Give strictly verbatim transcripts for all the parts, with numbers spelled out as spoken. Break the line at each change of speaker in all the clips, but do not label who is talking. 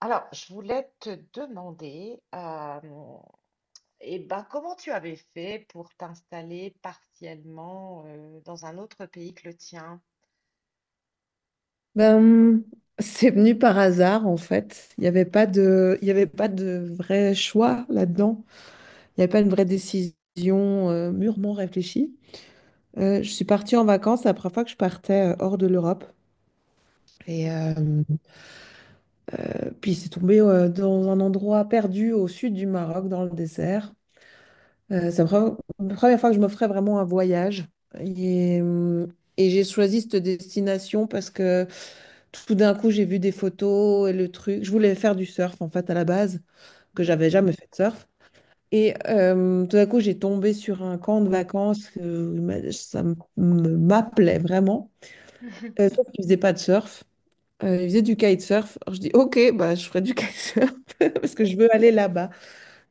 Alors, je voulais te demander, euh, eh ben, comment tu avais fait pour t'installer partiellement euh, dans un autre pays que le tien?
Ben, c'est venu par hasard en fait. Il n'y avait pas de, il y avait pas de vrai choix là-dedans. Il n'y avait pas une vraie décision euh, mûrement réfléchie. Euh, je suis partie en vacances la première fois que je partais euh, hors de l'Europe. Et
Hmm.
euh, puis c'est tombé euh, dans un endroit perdu au sud du Maroc, dans le désert. Euh, c'est la pre- la première fois que je me ferais vraiment un voyage. Et, euh, et j'ai choisi cette destination parce que tout d'un coup, j'ai vu des photos et le truc. Je voulais faire du surf, en fait, à la base, que
Hmm.
j'avais jamais fait de surf. Et euh, tout d'un coup, j'ai tombé sur un camp de vacances. euh, mais ça m- me- m'appelait vraiment. Euh, sauf qu'ils ne faisaient pas de surf. Euh, ils faisaient du kitesurf. Alors, je dis, OK, bah, je ferai du kitesurf parce que je veux aller là-bas.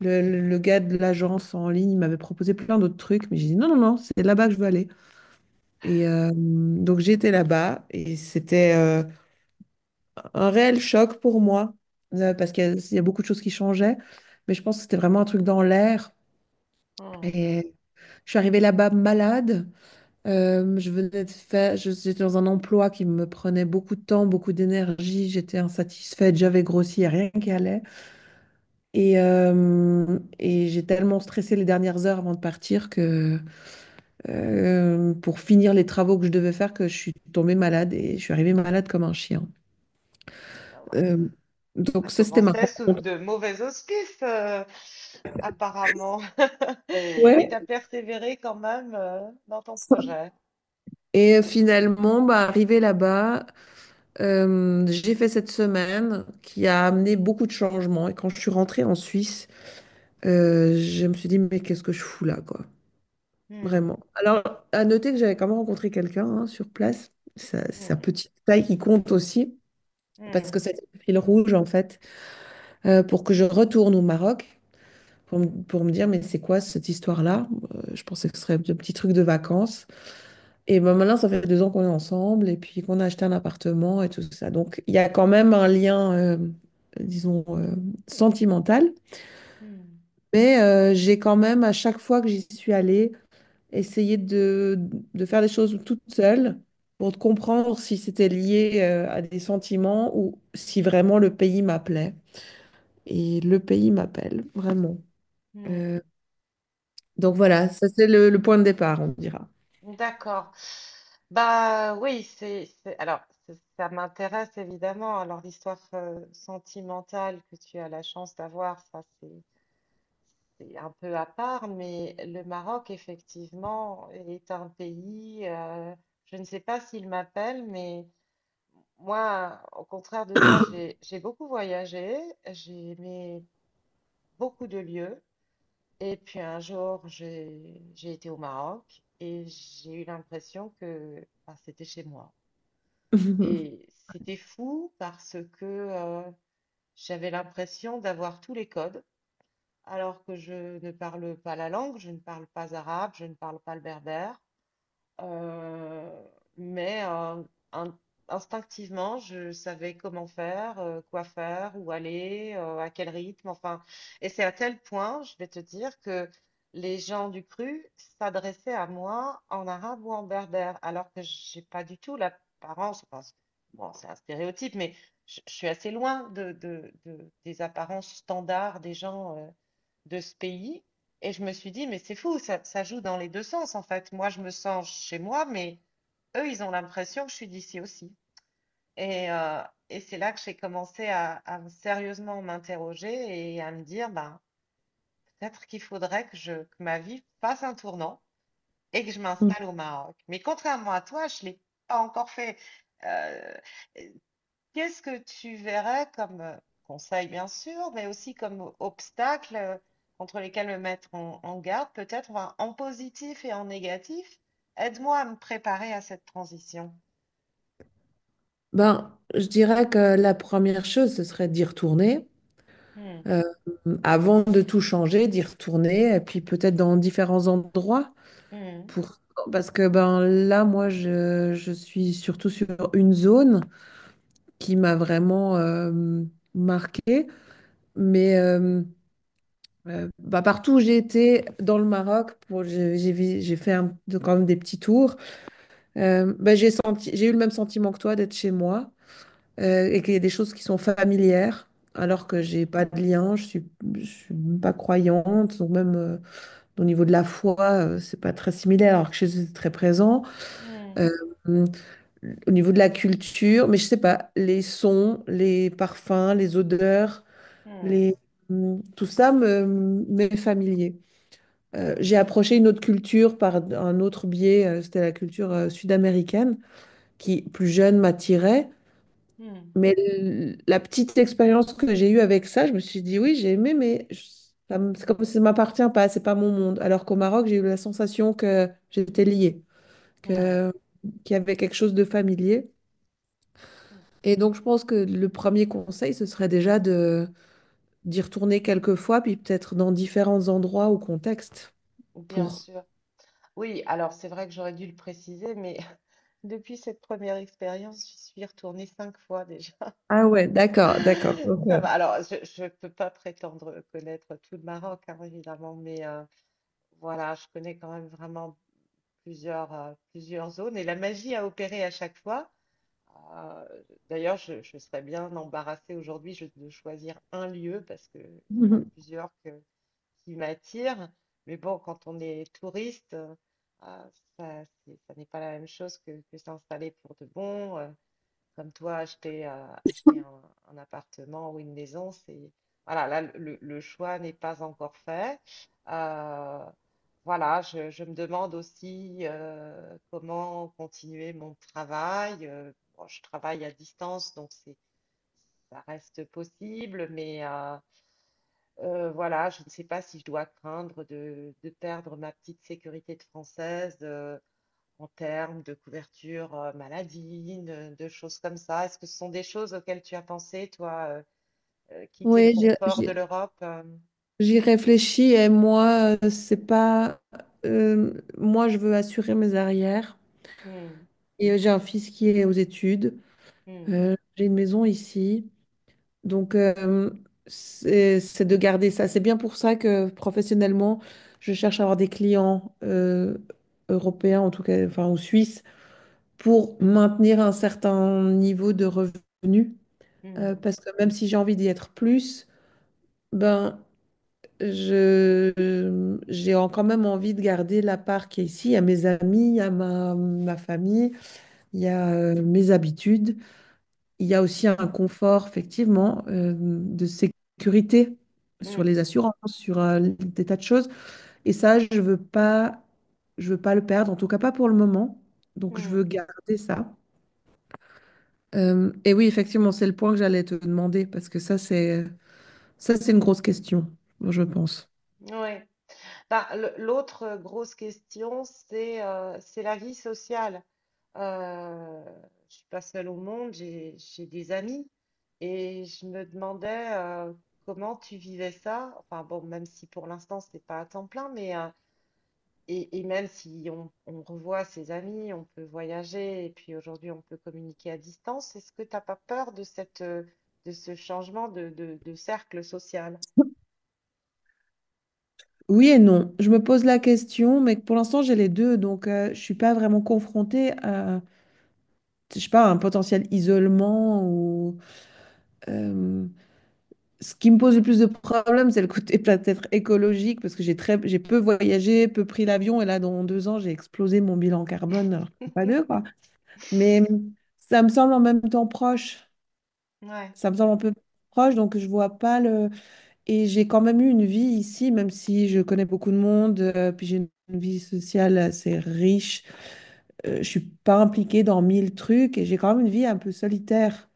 Le, le- le gars de l'agence en ligne il m'avait proposé plein d'autres trucs, mais j'ai dit non, non, non, c'est là-bas que je veux aller. Et euh, donc j'étais là-bas et c'était euh, un réel choc pour moi euh, parce qu'il y, a il y a beaucoup de choses qui changeaient, mais je pense que c'était vraiment un truc dans l'air.
Hmm.
Et je suis arrivée là-bas malade. Euh, je venais de faire, je- j'étais dans un emploi qui me prenait beaucoup de temps, beaucoup d'énergie. J'étais insatisfaite, j'avais grossi, il y a rien qui allait. Et, euh, et j'ai tellement stressé les dernières heures avant de partir que euh, pour finir les travaux que je devais faire que je suis tombée malade et je suis arrivée malade comme un chien.
Ah ben,
Euh,
ça
donc ça, c'était ma
commençait sous
rencontre.
de mauvais auspices, euh, apparemment. Et tu
Ouais.
as persévéré quand même euh, dans ton projet.
Et finalement, bah, arrivée là-bas, euh, j'ai fait cette semaine qui a amené beaucoup de changements. Et quand je suis rentrée en Suisse, euh, je me suis dit, mais qu'est-ce que je fous là, quoi?
Hmm.
Vraiment. Alors, à noter que j'avais quand même rencontré quelqu'un hein, sur place. Ça- C'est un
Hmm.
petit détail qui compte aussi, parce
Hmm.
que c'était le fil rouge, en fait, euh, pour que je retourne au Maroc. Pour, m- pour me dire, mais c'est quoi cette histoire-là? Euh, je pensais que ce serait un petit truc de vacances. Et ben maintenant, ça fait deux ans qu'on est ensemble et puis qu'on a acheté un appartement et tout ça. Donc, il y a quand même un lien, euh, disons, euh, sentimental.
Hmm.
Mais euh, j'ai quand même, à chaque fois que j'y suis allée, essayé de, de faire des choses toute seule pour comprendre si c'était lié euh, à des sentiments ou si vraiment le pays m'appelait. Et le pays m'appelle, vraiment.
Hmm.
Euh, Donc
Hmm.
voilà, ça c'est le, le point de départ, on dira.
D'accord. Bah oui, c'est, c'est- alors c'est- ça m'intéresse évidemment. Alors l'histoire euh, sentimentale que tu as la chance d'avoir, ça c'est c'est un peu à part, mais le Maroc effectivement est un pays. Euh, je ne sais pas s'il m'appelle, mais moi, au contraire de toi, j'ai j'ai beaucoup voyagé, j'ai aimé beaucoup de lieux. Et puis un jour, j'ai j'ai été au Maroc et j'ai eu l'impression que ah, c'était chez moi. Et c'était fou parce que euh, j'avais l'impression d'avoir tous les codes, alors que je ne parle pas la langue, je ne parle pas arabe, je ne parle pas le berbère. Euh, mais euh, in- instinctivement, je savais comment faire, euh, quoi faire, où aller, euh, à quel rythme. Enfin, et c'est à tel point, je vais te dire, que les gens du cru s'adressaient à moi en arabe ou en berbère, alors que j'ai pas du tout l'apparence. Enfin, c'est- bon, c'est un stéréotype, mais je, je suis assez loin de, de- de- des apparences standards des gens euh, de ce pays. Et je me suis dit, mais c'est fou, ça, ça joue dans les deux sens en fait. Moi, je me sens chez moi, mais eux, ils ont l'impression que je suis d'ici aussi. Et, euh, et c'est là que j'ai commencé à, à me- sérieusement m'interroger et à me dire, ben, peut-être qu'il faudrait que, je, que ma vie fasse un tournant et que je m'installe au Maroc. Mais contrairement à toi, je ne l'ai pas encore fait. Euh, Qu'est-ce que tu verrais comme euh, conseil, bien sûr, mais aussi comme euh, obstacle euh, contre lesquels me mettre en, en garde, peut-être, enfin, en positif et en négatif? Aide-moi à me préparer à cette transition.
Ben, je dirais que la première chose, ce serait d'y retourner.
Hmm.
Euh, avant de tout changer, d'y retourner, et puis peut-être dans différents endroits.
Hmm.
Pour... Parce que ben, là, moi, je, je suis surtout sur une zone qui m'a vraiment euh, marquée. Mais euh, euh, bah, partout où j'ai été dans le Maroc, pour- j'ai j'ai vi- j'ai fait un- quand même des petits tours. Euh, bah, j'ai senti, j'ai eu le même sentiment que toi d'être chez moi euh, et qu'il y a des choses qui sont familières alors que
Hmm.
j'ai pas de lien, je suis, je suis pas croyante, donc même euh, au niveau de la foi, euh, c'est pas très similaire alors que chez eux c'est très présent. Euh,
Hmm.
au niveau de la culture, mais je sais pas, les sons, les parfums, les odeurs,
Hmm.
les, hum, tout ça me m'est familier. Euh, j'ai approché une autre culture par un autre biais, euh, c'était la culture euh, sud-américaine qui, plus jeune, m'attirait.
Hmm.
Mais l- la petite expérience que j'ai eue avec ça, je me suis dit, oui, j'ai aimé, mais je- ça me- c'est comme ça ne m'appartient pas, c'est pas mon monde. Alors qu'au Maroc, j'ai eu la sensation que j'étais liée,
Hmm, ouais.
que, qu'il y avait quelque chose de familier.
Hmm.
Et donc, je pense que le premier conseil, ce serait déjà de d'y retourner quelques fois, puis peut-être dans différents endroits ou contextes
Bien
pour...
sûr. Oui, alors c'est vrai que j'aurais dû le préciser, mais depuis cette première expérience, j'y suis retournée cinq fois déjà.
Ah ouais, d'accord, d'accord. Ok.
Ça va. Alors, je ne peux pas prétendre connaître tout le Maroc, hein, évidemment, mais euh, voilà, je connais quand même vraiment plusieurs, euh, plusieurs zones et la magie a opéré à chaque fois. Euh, D'ailleurs, je, je serais bien embarrassée aujourd'hui je- de choisir un lieu parce qu'il y en a plusieurs que- qui m'attirent. Mais bon, quand on est touriste, euh, ça, c'est- ça n'est pas la même chose que, que s'installer pour de bon. Euh, comme toi, acheter, euh, acheter un, un appartement ou une maison, c'est voilà, là le, le choix n'est pas encore fait. Euh, voilà, je, je me demande aussi euh, comment continuer mon travail. Euh, bon, je travaille à distance, donc c'est ça reste possible, mais euh, euh, voilà, je ne sais pas si je dois craindre de, de perdre ma petite sécurité de française. Euh, en termes de couverture euh, maladie, de, de choses comme ça. Est-ce que ce sont des choses auxquelles tu as pensé, toi, euh, euh, quitter le
Oui, j'ai
confort
j'ai-
de l'Europe? Euh.
j'y réfléchis et moi, euh, c'est pas. euh, moi, je veux assurer mes arrières.
Hmm.
Et euh, j'ai un fils qui est aux études.
Hmm.
Euh, j'ai une maison ici. Donc, euh, c'est c'est de garder ça. C'est bien pour ça que professionnellement, je cherche à avoir des clients euh, européens, en tout cas, enfin, ou suisses, pour maintenir un certain niveau de revenus. Euh,
Hmm.
parce que même si j'ai envie d'y être plus, ben. Je, j'ai en- quand même envie de garder la part qui est ici. Il y a mes amis, il y a ma, ma famille, il y a euh, mes habitudes. Il y a aussi un confort, effectivement, euh, de sécurité sur
Hmm.
les assurances, sur euh, des tas de choses. Et ça, je veux pas, je veux pas le perdre, en tout cas pas pour le moment. Donc, je veux garder ça. Euh, et oui, effectivement, c'est le point que j'allais te demander parce que ça, c'est, ça, c'est une grosse question, je pense.
Hmm. Ouais. Bah, le- l'autre grosse question, c'est euh, c'est la vie sociale. Euh, je suis pas seule au monde, j'ai j'ai des amis et je me demandais euh, comment tu vivais ça. Enfin bon, même si pour l'instant c'est pas à temps plein, mais euh. Et, et même si on, on revoit ses amis, on peut voyager et puis aujourd'hui on peut communiquer à distance, est-ce que tu n'as pas peur de cette, euh, de ce changement de, de- de cercle social?
Oui et non. Je me pose la question, mais pour l'instant, j'ai les deux, donc euh, je suis pas vraiment confrontée à, je sais pas, un potentiel isolement ou euh, ce qui me pose le plus de problèmes, c'est le côté peut-être écologique parce que j'ai très, j'ai peu voyagé, peu pris l'avion et là, dans deux ans, j'ai explosé mon bilan carbone, alors que c'est pas deux quoi. Mais ça me semble en même temps proche.
Ouais,
Ça me semble un peu proche, donc je vois pas le. Et j'ai quand même eu une vie ici, même si je connais beaucoup de monde, euh, puis j'ai une vie sociale assez riche. Euh, je suis pas impliquée dans mille trucs et j'ai quand même une vie un peu solitaire.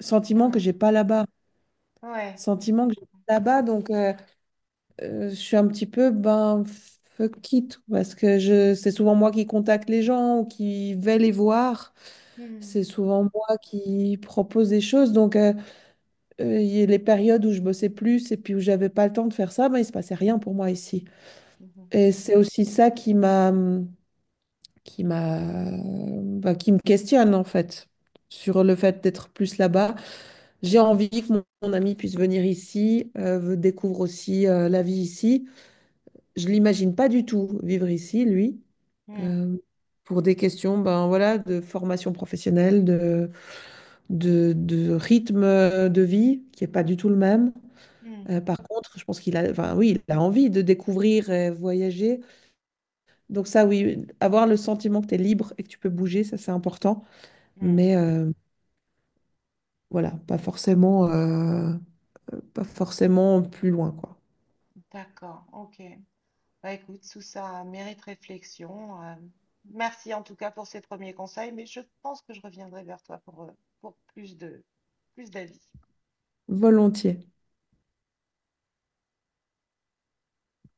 Sentiment que
ouais,
j'ai pas là-bas.
ouais, je
Sentiment que j'ai
comprends.
pas là-bas, donc euh, euh, je suis un petit peu ben fuck it parce que je c'est souvent moi qui contacte les gens ou qui vais les voir.
Hmm.
C'est souvent moi qui propose des choses, donc euh, euh, il y- a les périodes où je bossais plus et puis où j'avais pas le temps de faire ça, ben il se passait rien pour moi ici.
Mhm.
Et c'est aussi ça qui m'a, qui m'a, bah, qui me questionne en fait sur le fait d'être plus là-bas. J'ai envie que mon, mon ami puisse venir ici, euh, découvre aussi euh, la vie ici. Je l'imagine pas du tout vivre ici, lui,
Hmm.
euh, pour des questions, ben voilà, de formation professionnelle, de, de, de rythme de vie qui est pas du tout le même.
Hmm.
Euh, par contre, je pense qu'il a, enfin oui, il a envie de découvrir et voyager. Donc ça, oui, avoir le sentiment que tu es libre et que tu peux bouger, ça c'est important.
Hmm.
Mais euh, voilà, pas forcément, euh, pas forcément plus loin, quoi.
D'accord, ok. Bah écoute, tout ça mérite réflexion. Euh, merci en tout cas pour ces premiers conseils, mais je pense que je reviendrai vers toi pour, euh, pour plus de, plus d'avis.
Volontiers.